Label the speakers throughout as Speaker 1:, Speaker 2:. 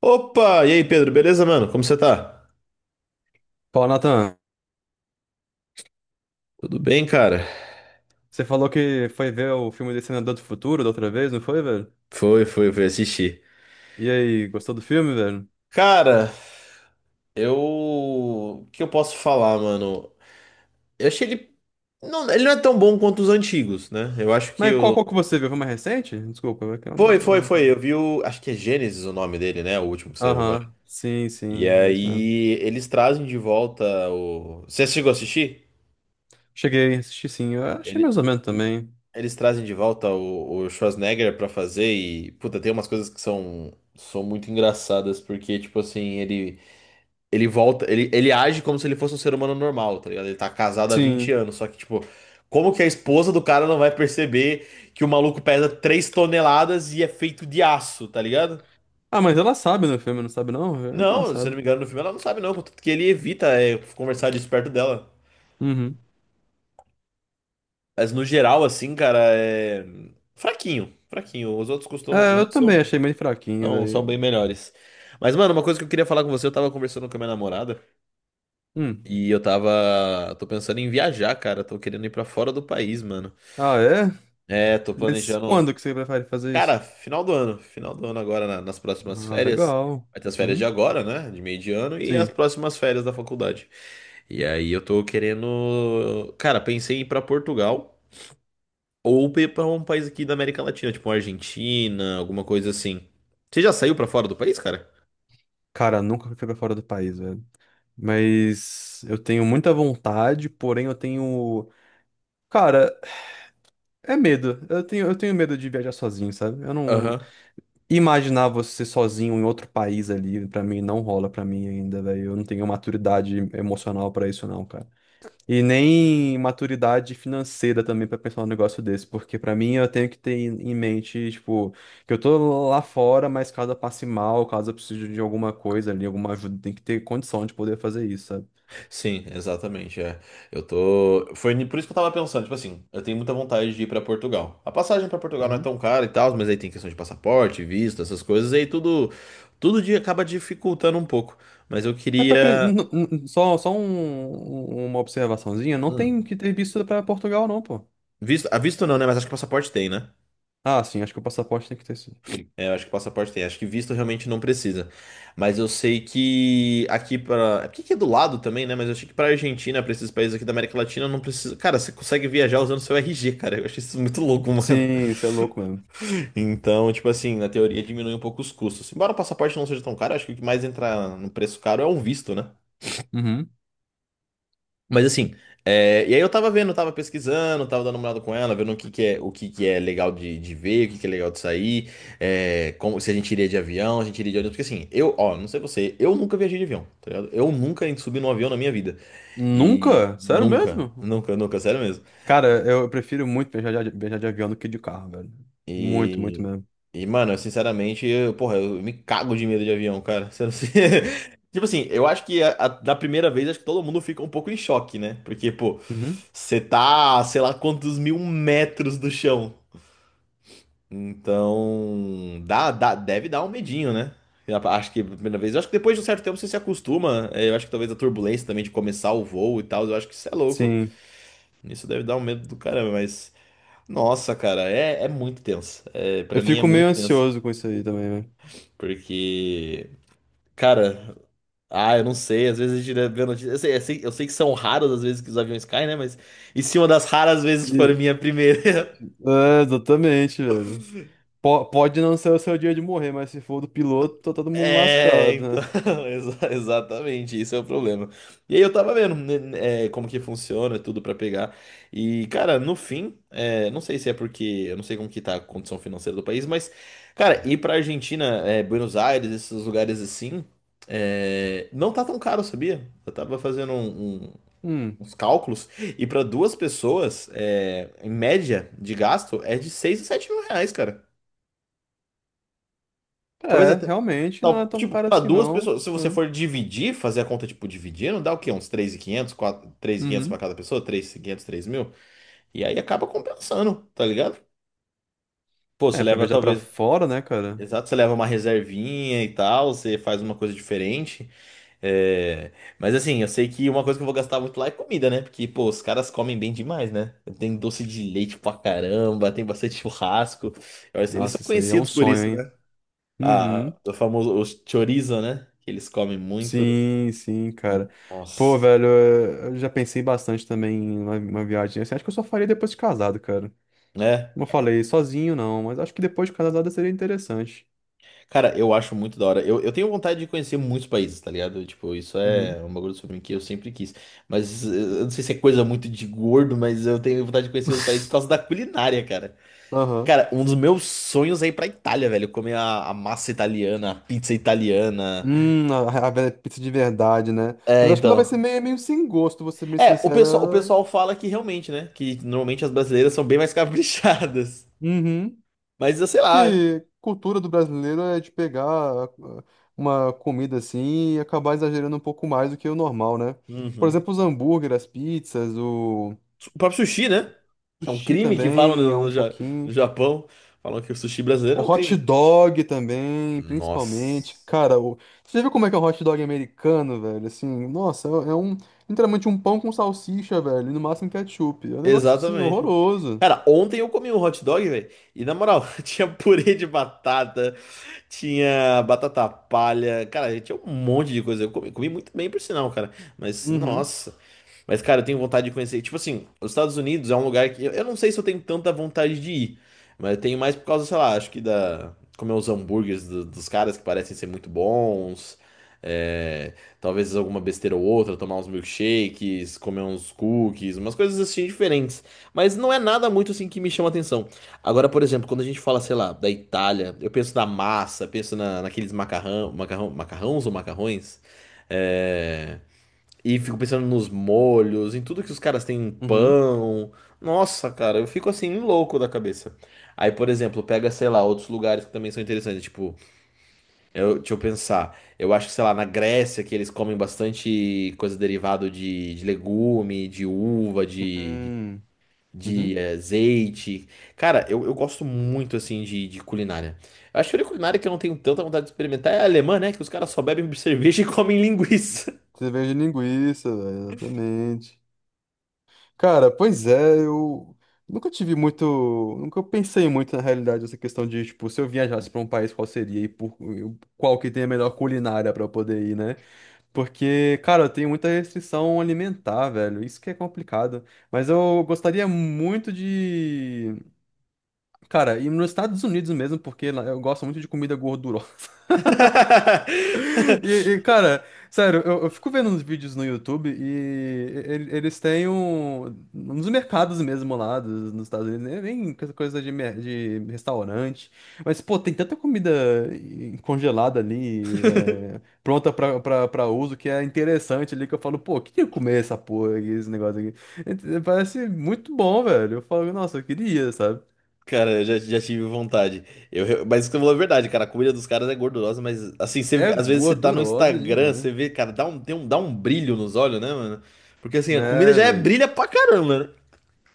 Speaker 1: Opa! E aí, Pedro, beleza, mano? Como você tá?
Speaker 2: Fala, Nathan.
Speaker 1: Tudo bem, cara?
Speaker 2: Você falou que foi ver o filme de Senador do Futuro da outra vez, não foi, velho?
Speaker 1: Foi assistir.
Speaker 2: E aí, gostou do filme, velho?
Speaker 1: Cara, eu. O que eu posso falar, mano? Eu achei ele. Não, ele não é tão bom quanto os antigos, né? Eu acho que
Speaker 2: Mas qual,
Speaker 1: o.
Speaker 2: qual que você viu? Foi mais recente? Desculpa.
Speaker 1: Foi, foi,
Speaker 2: Eu-
Speaker 1: foi. Eu vi o. Acho que é Gênesis o nome dele, né? O último que saiu agora.
Speaker 2: Aham, sim,
Speaker 1: E
Speaker 2: sim, é isso mesmo.
Speaker 1: aí, eles trazem de volta o. Você chegou a assistir?
Speaker 2: Cheguei, assisti sim, eu achei
Speaker 1: Ele...
Speaker 2: mais ou menos também.
Speaker 1: Eles trazem de volta o Schwarzenegger pra fazer Puta, tem umas coisas que são. São muito engraçadas porque, tipo assim, Ele volta, ele age como se ele fosse um ser humano normal, tá ligado? Ele tá casado há 20
Speaker 2: Sim.
Speaker 1: anos, só que, tipo, como que a esposa do cara não vai perceber que o maluco pesa 3 toneladas e é feito de aço, tá ligado?
Speaker 2: Ah, mas ela sabe no filme, não sabe não? Ela
Speaker 1: Não, se eu não
Speaker 2: sabe.
Speaker 1: me engano, no filme ela não sabe, não, contanto que ele evita conversar disso perto dela.
Speaker 2: Uhum.
Speaker 1: Mas no geral, assim, cara, é. Fraquinho, fraquinho. Os outros costumam. Os
Speaker 2: É, eu
Speaker 1: outros são.
Speaker 2: também achei meio fraquinho,
Speaker 1: Não, são bem
Speaker 2: velho.
Speaker 1: melhores. Mas, mano, uma coisa que eu queria falar com você, eu tava conversando com a minha namorada
Speaker 2: Hum.
Speaker 1: e eu tava. Tô pensando em viajar, cara. Tô querendo ir pra fora do país, mano.
Speaker 2: Ah, é?
Speaker 1: É, tô
Speaker 2: Mas
Speaker 1: planejando.
Speaker 2: quando que você prefere fazer isso?
Speaker 1: Cara, final do ano. Final do ano agora, nas próximas
Speaker 2: Ah,
Speaker 1: férias.
Speaker 2: legal.
Speaker 1: Vai ter as férias de
Speaker 2: Uhum.
Speaker 1: agora, né? De meio de ano e as
Speaker 2: Sim.
Speaker 1: próximas férias da faculdade. E aí eu tô querendo. Cara, pensei em ir pra Portugal ou ir pra um país aqui da América Latina, tipo Argentina, alguma coisa assim. Você já saiu pra fora do país, cara?
Speaker 2: Cara, nunca fui pra fora do país, velho. Mas eu tenho muita vontade, porém eu tenho. Cara, é medo. Eu tenho medo de viajar sozinho, sabe? Eu não.
Speaker 1: Aham.
Speaker 2: Imaginar você sozinho em outro país ali, pra mim, não rola pra mim ainda, velho. Eu não tenho maturidade emocional pra isso, não, cara. E nem maturidade financeira também pra pensar um negócio desse, porque pra mim eu tenho que ter em mente, tipo, que eu tô lá fora, mas caso eu passe mal, caso eu precise de alguma coisa ali, alguma ajuda, tem que ter condição de poder fazer isso, sabe?
Speaker 1: Sim, exatamente, é. Eu tô. Foi ni- Por isso que eu tava pensando, tipo assim, eu tenho muita vontade de ir pra Portugal. A passagem pra Portugal não é tão cara e tal, mas aí tem questão de passaporte, visto, essas coisas, e aí tudo dia acaba dificultando um pouco. Mas eu
Speaker 2: Mas pior que
Speaker 1: queria.
Speaker 2: só uma observaçãozinha, não
Speaker 1: Hum,
Speaker 2: tem que ter visto pra Portugal, não, pô.
Speaker 1: ah, visto não, né? Mas acho que passaporte tem, né?
Speaker 2: Ah, sim, acho que o passaporte tem que ter sido.
Speaker 1: É, eu acho que passaporte tem. Acho que visto realmente não precisa. Mas eu sei que aqui pra. É porque aqui que é do lado também, né? Mas eu achei que pra Argentina, pra esses países aqui da América Latina, não precisa. Cara, você consegue viajar usando seu RG, cara. Eu achei isso muito louco, mano.
Speaker 2: Sim, isso é louco mesmo.
Speaker 1: Então, tipo assim, na teoria diminui um pouco os custos. Embora o passaporte não seja tão caro, acho que o que mais entra no preço caro é um visto, né?
Speaker 2: Uhum.
Speaker 1: Mas assim, e aí eu tava vendo, tava pesquisando, tava dando uma olhada com ela, vendo o que que é legal de ver, o que que é legal de sair, como, se a gente iria de avião, a gente iria de ônibus, porque assim, eu, ó, não sei você, eu nunca viajei de avião, tá ligado? Eu nunca subi num avião na minha vida. E
Speaker 2: Nunca? Sério
Speaker 1: nunca,
Speaker 2: mesmo?
Speaker 1: nunca, nunca, sério mesmo.
Speaker 2: Cara, eu, prefiro muito viajar de avião do que de carro, velho. Muito, muito
Speaker 1: E,
Speaker 2: mesmo.
Speaker 1: e mano, eu, sinceramente, eu, porra, eu me cago de medo de avião, cara. Você não se- Tipo assim, eu acho que da primeira vez, acho que todo mundo fica um pouco em choque, né? Porque, pô,
Speaker 2: Uhum.
Speaker 1: você tá, sei lá quantos mil metros do chão. Então, deve dar um medinho, né? Eu acho que a primeira vez, eu acho que depois de um certo tempo você se acostuma. Eu acho que talvez a turbulência também de começar o voo e tal, eu acho que isso é louco.
Speaker 2: Sim.
Speaker 1: Isso deve dar um medo do caramba, mas. Nossa, cara, é muito tenso. É,
Speaker 2: Eu
Speaker 1: para mim é
Speaker 2: fico meio
Speaker 1: muito tenso.
Speaker 2: ansioso com isso aí também, velho.
Speaker 1: Porque, cara, eu não sei, às vezes a gente vê notícias. Eu sei que são raras as vezes que os aviões caem, né? Mas e se uma das raras vezes for
Speaker 2: E-
Speaker 1: minha primeira?
Speaker 2: É, exatamente, velho. Pode não ser o seu dia de morrer, mas se for do piloto, tá todo mundo
Speaker 1: É,
Speaker 2: lascado,
Speaker 1: então,
Speaker 2: né?
Speaker 1: exatamente, isso é o problema. E aí eu tava vendo, como que funciona tudo pra pegar. E, cara, no fim, é, não sei se é porque, eu não sei como que tá a condição financeira do país, mas, cara, ir pra Argentina, Buenos Aires, esses lugares assim, não tá tão caro, sabia? Eu tava fazendo
Speaker 2: Hum.
Speaker 1: uns cálculos, e para duas pessoas, em média de gasto, é de 6 a 7 mil reais, cara. Talvez
Speaker 2: É,
Speaker 1: até.
Speaker 2: realmente não é tão
Speaker 1: Tipo,
Speaker 2: caro
Speaker 1: para
Speaker 2: assim,
Speaker 1: duas
Speaker 2: não.
Speaker 1: pessoas, se você
Speaker 2: Hum.
Speaker 1: for dividir, fazer a conta, tipo, dividindo, dá o quê? Uns 3.500, 4, quinhentos para
Speaker 2: Uhum.
Speaker 1: cada pessoa, 3 mil e aí acaba compensando, tá ligado? Pô, você
Speaker 2: É, pra
Speaker 1: leva
Speaker 2: viajar pra
Speaker 1: talvez.
Speaker 2: fora, né, cara?
Speaker 1: Exato, você leva uma reservinha e tal, você faz uma coisa diferente. É, mas assim, eu sei que uma coisa que eu vou gastar muito lá é comida, né? Porque, pô, os caras comem bem demais, né? Tem doce de leite pra caramba, tem bastante churrasco. Eles são
Speaker 2: Nossa, isso aí é um
Speaker 1: conhecidos por
Speaker 2: sonho,
Speaker 1: isso,
Speaker 2: hein?
Speaker 1: né? Ah,
Speaker 2: Uhum.
Speaker 1: o famoso o chorizo, né? Que eles comem muito.
Speaker 2: Sim, sim, cara. Pô,
Speaker 1: Nossa,
Speaker 2: velho, é, eu já pensei bastante também em uma viagem assim. Acho que eu só faria depois de casado, cara.
Speaker 1: né?
Speaker 2: Como eu falei, sozinho não, mas acho que depois de casado seria interessante.
Speaker 1: Cara, eu acho muito da hora. Eu tenho vontade de conhecer muitos países, tá ligado? Tipo, isso
Speaker 2: Uhum.
Speaker 1: é um bagulho sobre mim que eu sempre quis. Mas eu não sei se é coisa muito de gordo, mas eu tenho vontade de conhecer os países por causa da culinária, cara.
Speaker 2: Aham.
Speaker 1: Cara, um dos meus sonhos é ir pra Itália, velho. Comer a massa italiana, a pizza italiana.
Speaker 2: A velha pizza de verdade, né?
Speaker 1: É,
Speaker 2: Mas acho que ela vai ser
Speaker 1: então.
Speaker 2: meio sem gosto, vou ser meio
Speaker 1: É,
Speaker 2: sincera.
Speaker 1: o pessoal fala que realmente, né? Que normalmente as brasileiras são bem mais caprichadas.
Speaker 2: Uhum.
Speaker 1: Mas, eu sei
Speaker 2: Acho
Speaker 1: lá.
Speaker 2: que cultura do brasileiro é de pegar ah, uma comida assim e acabar exagerando um pouco mais do que o normal, né? Por
Speaker 1: Uhum.
Speaker 2: exemplo, os hambúrgueres, as pizzas, o
Speaker 1: O próprio sushi, né? Que é um
Speaker 2: sushi
Speaker 1: crime que falam
Speaker 2: também é um
Speaker 1: no
Speaker 2: pouquinho.
Speaker 1: Japão. Falam que o sushi brasileiro
Speaker 2: O
Speaker 1: é um
Speaker 2: hot
Speaker 1: crime.
Speaker 2: dog também, principalmente.
Speaker 1: Nossa.
Speaker 2: Cara, você já viu como é que é um hot dog americano, velho? Assim, nossa, é um, literalmente, um pão com salsicha, velho, e no máximo ketchup. É um negócio assim
Speaker 1: Exatamente.
Speaker 2: horroroso.
Speaker 1: Cara, ontem eu comi um hot dog, velho. E na moral, tinha purê de batata. Tinha batata palha. Cara, tinha um monte de coisa. Comi muito bem, por sinal, cara. Mas,
Speaker 2: Uhum,
Speaker 1: nossa. Mas, cara, eu tenho vontade de conhecer. Tipo assim, os Estados Unidos é um lugar que eu não sei se eu tenho tanta vontade de ir, mas eu tenho mais por causa, sei lá, acho que da. Comer os hambúrgueres dos caras que parecem ser muito bons. é, talvez alguma besteira ou outra, tomar uns milkshakes, comer uns cookies, umas coisas assim diferentes. Mas não é nada muito assim que me chama atenção. Agora, por exemplo, quando a gente fala, sei lá, da Itália, eu penso na massa, penso naqueles macarrão, macarrões ou macarrões. é, e fico pensando nos molhos, em tudo que os caras têm em
Speaker 2: uhum,
Speaker 1: pão. Nossa, cara, eu fico assim louco da cabeça. Aí, por exemplo, pega, sei lá, outros lugares que também são interessantes. Tipo, eu, deixa eu pensar. Eu acho que, sei lá, na Grécia, que eles comem bastante coisa derivada de legume, de uva,
Speaker 2: uhum, uhum.
Speaker 1: azeite. Cara, eu gosto muito, assim, de culinária. Eu acho que a única culinária que eu não tenho tanta vontade de experimentar é a alemã, né? Que os caras só bebem cerveja e comem linguiça.
Speaker 2: Cerveja de linguiça, velho, exatamente. Cara, pois é, eu nunca tive muito, nunca pensei muito na realidade essa questão de, tipo, se eu viajasse pra um país, qual seria e por qual que tem a melhor culinária pra eu poder ir, né? Porque, cara, eu tenho muita restrição alimentar, velho, isso que é complicado. Mas eu gostaria muito de, cara, ir nos Estados Unidos mesmo, porque lá eu gosto muito de comida gordurosa. E, e, cara, sério, eu fico vendo uns vídeos no YouTube eles têm um, nos mercados mesmo lá nos Estados Unidos, né, nem essa coisa de, de restaurante, mas pô, tem tanta comida congelada ali, é, pronta pra uso, que é interessante ali, que eu falo, pô, eu queria comer essa porra aqui, esse negócio aqui. E parece muito bom, velho. Eu falo, nossa, eu queria, sabe?
Speaker 1: Cara, já tive vontade. Eu, mas isso que eu falo é verdade, cara. A comida dos caras é gordurosa, mas assim,
Speaker 2: É
Speaker 1: às vezes você tá no
Speaker 2: gordurosa
Speaker 1: Instagram,
Speaker 2: demais,
Speaker 1: você vê, cara, dá um brilho nos olhos, né, mano? Porque assim, a comida
Speaker 2: né,
Speaker 1: já é
Speaker 2: velho?
Speaker 1: brilha pra caramba, né?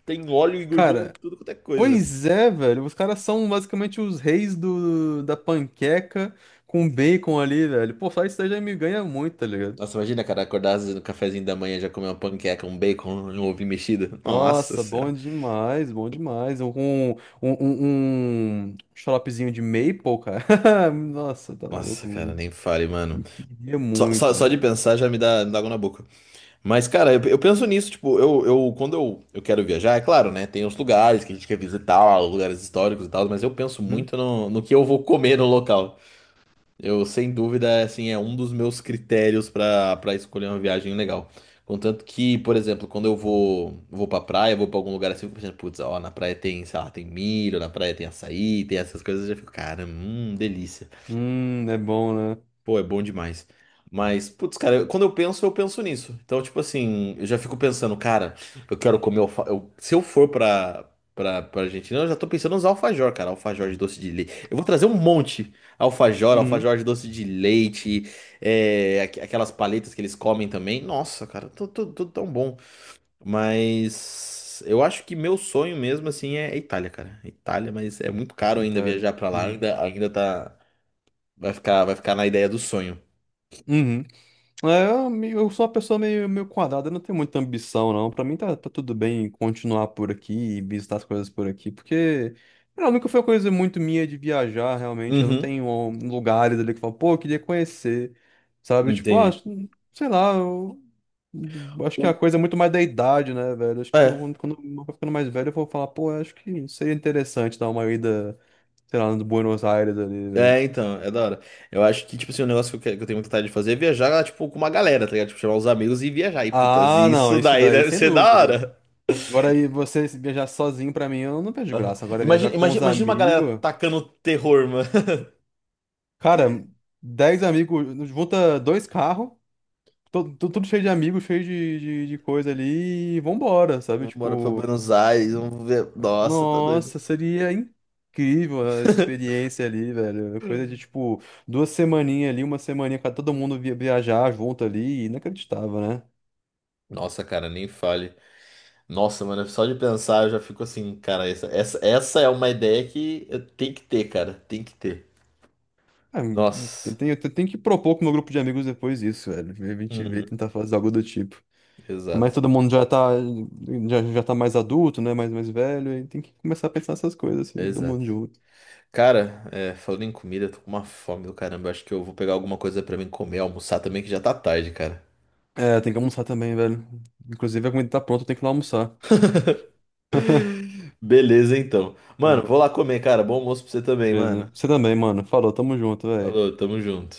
Speaker 1: Tem óleo e gordura em
Speaker 2: Cara.
Speaker 1: tudo quanto é coisa.
Speaker 2: Pois é, velho. Os caras são basicamente os reis da panqueca com bacon ali, velho. Pô, só isso aí já me ganha muito, tá ligado?
Speaker 1: Nossa, imagina, cara, acordar às vezes no cafezinho da manhã já comer uma panqueca, um bacon, um ovinho mexido. Nossa
Speaker 2: Nossa, bom
Speaker 1: senhora.
Speaker 2: demais, bom demais. Um xaropezinho de maple, cara. Nossa, tá
Speaker 1: Nossa, cara,
Speaker 2: louco.
Speaker 1: nem fale, mano.
Speaker 2: Eu queria muito,
Speaker 1: Só de
Speaker 2: velho.
Speaker 1: pensar me dá água na boca. Mas, cara, eu penso nisso, tipo, eu quero viajar, é claro, né? Tem os lugares que a gente quer visitar, os lugares históricos e tal, mas eu penso
Speaker 2: Uhum.
Speaker 1: muito no que eu vou comer no local. Eu, sem dúvida, assim, é um dos meus critérios pra para escolher uma viagem legal. Contanto que, por exemplo, quando eu vou pra praia, vou pra algum lugar assim, eu fico pensando, putz, ó, na praia tem, sei lá, tem milho, na praia tem açaí, tem essas coisas, eu já fico, cara, delícia.
Speaker 2: É bom, né?
Speaker 1: Pô, é bom demais. Mas, putz, cara, quando eu penso nisso. Então, tipo assim, eu já fico pensando, cara, eu quero comer alfa... eu- se eu for pra Argentina, eu já tô pensando nos alfajor, cara. Alfajor de doce de leite. Eu vou trazer um monte.
Speaker 2: Uhum.
Speaker 1: Alfajor de doce de leite, aquelas paletas que eles comem também. Nossa, cara, tudo tão bom. Mas eu acho que meu sonho mesmo, assim, é Itália, cara. Itália, mas é muito caro ainda
Speaker 2: Itália.
Speaker 1: viajar pra lá.
Speaker 2: Uhum.
Speaker 1: Ainda tá... vai ficar na ideia do sonho.
Speaker 2: Uhum. É, eu sou uma pessoa meio, meio quadrada, eu não tenho muita ambição, não. Pra mim tá, tudo bem continuar por aqui e visitar as coisas por aqui, porque sei lá, nunca foi uma coisa muito minha de viajar, realmente. Eu não
Speaker 1: Uhum,
Speaker 2: tenho lugares ali que eu falo, pô, eu queria conhecer, sabe? Tipo,
Speaker 1: entendi.
Speaker 2: sei lá, eu, acho que a
Speaker 1: O-
Speaker 2: coisa é muito mais da idade, né, velho? Acho que
Speaker 1: É,
Speaker 2: quando eu for ficando mais velho, eu vou falar, pô, acho que seria interessante dar uma ida, sei lá, no Buenos Aires ali, velho.
Speaker 1: então, é da hora. Eu acho que, tipo assim, um negócio que que eu tenho muita vontade de fazer é viajar, tipo, com uma galera, tá ligado? Tipo, chamar os amigos e viajar. E, putas,
Speaker 2: Ah,
Speaker 1: isso
Speaker 2: não, isso
Speaker 1: daí
Speaker 2: daí,
Speaker 1: deve
Speaker 2: sem
Speaker 1: ser da
Speaker 2: dúvida.
Speaker 1: hora.
Speaker 2: Agora aí, você viajar sozinho pra mim, eu não vejo graça. Agora viajar
Speaker 1: Imagina,
Speaker 2: com os
Speaker 1: imagina, imagina uma galera
Speaker 2: amigos.
Speaker 1: tacando terror, mano.
Speaker 2: Cara, 10 amigos, junta dois carros, tudo cheio de amigos, cheio de coisa ali, e vambora, sabe?
Speaker 1: Vamos embora pra
Speaker 2: Tipo,
Speaker 1: Buenos Aires, vamos ver. Nossa, tá doido.
Speaker 2: nossa, seria incrível a experiência ali, velho. É coisa de tipo, 2 semaninhas ali, uma semaninha pra todo mundo viajar junto ali, inacreditável, né?
Speaker 1: Nossa, cara, nem fale. Nossa, mano, só de pensar eu já fico assim, cara, essa é uma ideia que tem que ter, cara, tem que ter.
Speaker 2: Ah, eu
Speaker 1: Nossa.
Speaker 2: tenho, eu tenho que propor com o meu grupo de amigos depois isso, velho. A gente vê e
Speaker 1: Uhum,
Speaker 2: tentar fazer algo do tipo. Mas
Speaker 1: exato,
Speaker 2: todo mundo já tá mais adulto, né? Mais velho, e tem que começar a pensar essas coisas, assim, todo
Speaker 1: exato.
Speaker 2: mundo junto.
Speaker 1: Cara, é, falando em comida, eu tô com uma fome do caramba. Eu acho que eu vou pegar alguma coisa pra mim comer, almoçar também, que já tá tarde, cara.
Speaker 2: É, tem que almoçar também, velho. Inclusive, a comida tá pronta, eu tenho que ir lá almoçar.
Speaker 1: Beleza, então. Mano,
Speaker 2: Bom,
Speaker 1: vou lá comer, cara. Bom almoço pra você também,
Speaker 2: beleza.
Speaker 1: mano.
Speaker 2: Você também, mano. Falou, tamo junto, velho.
Speaker 1: Falou, tamo junto.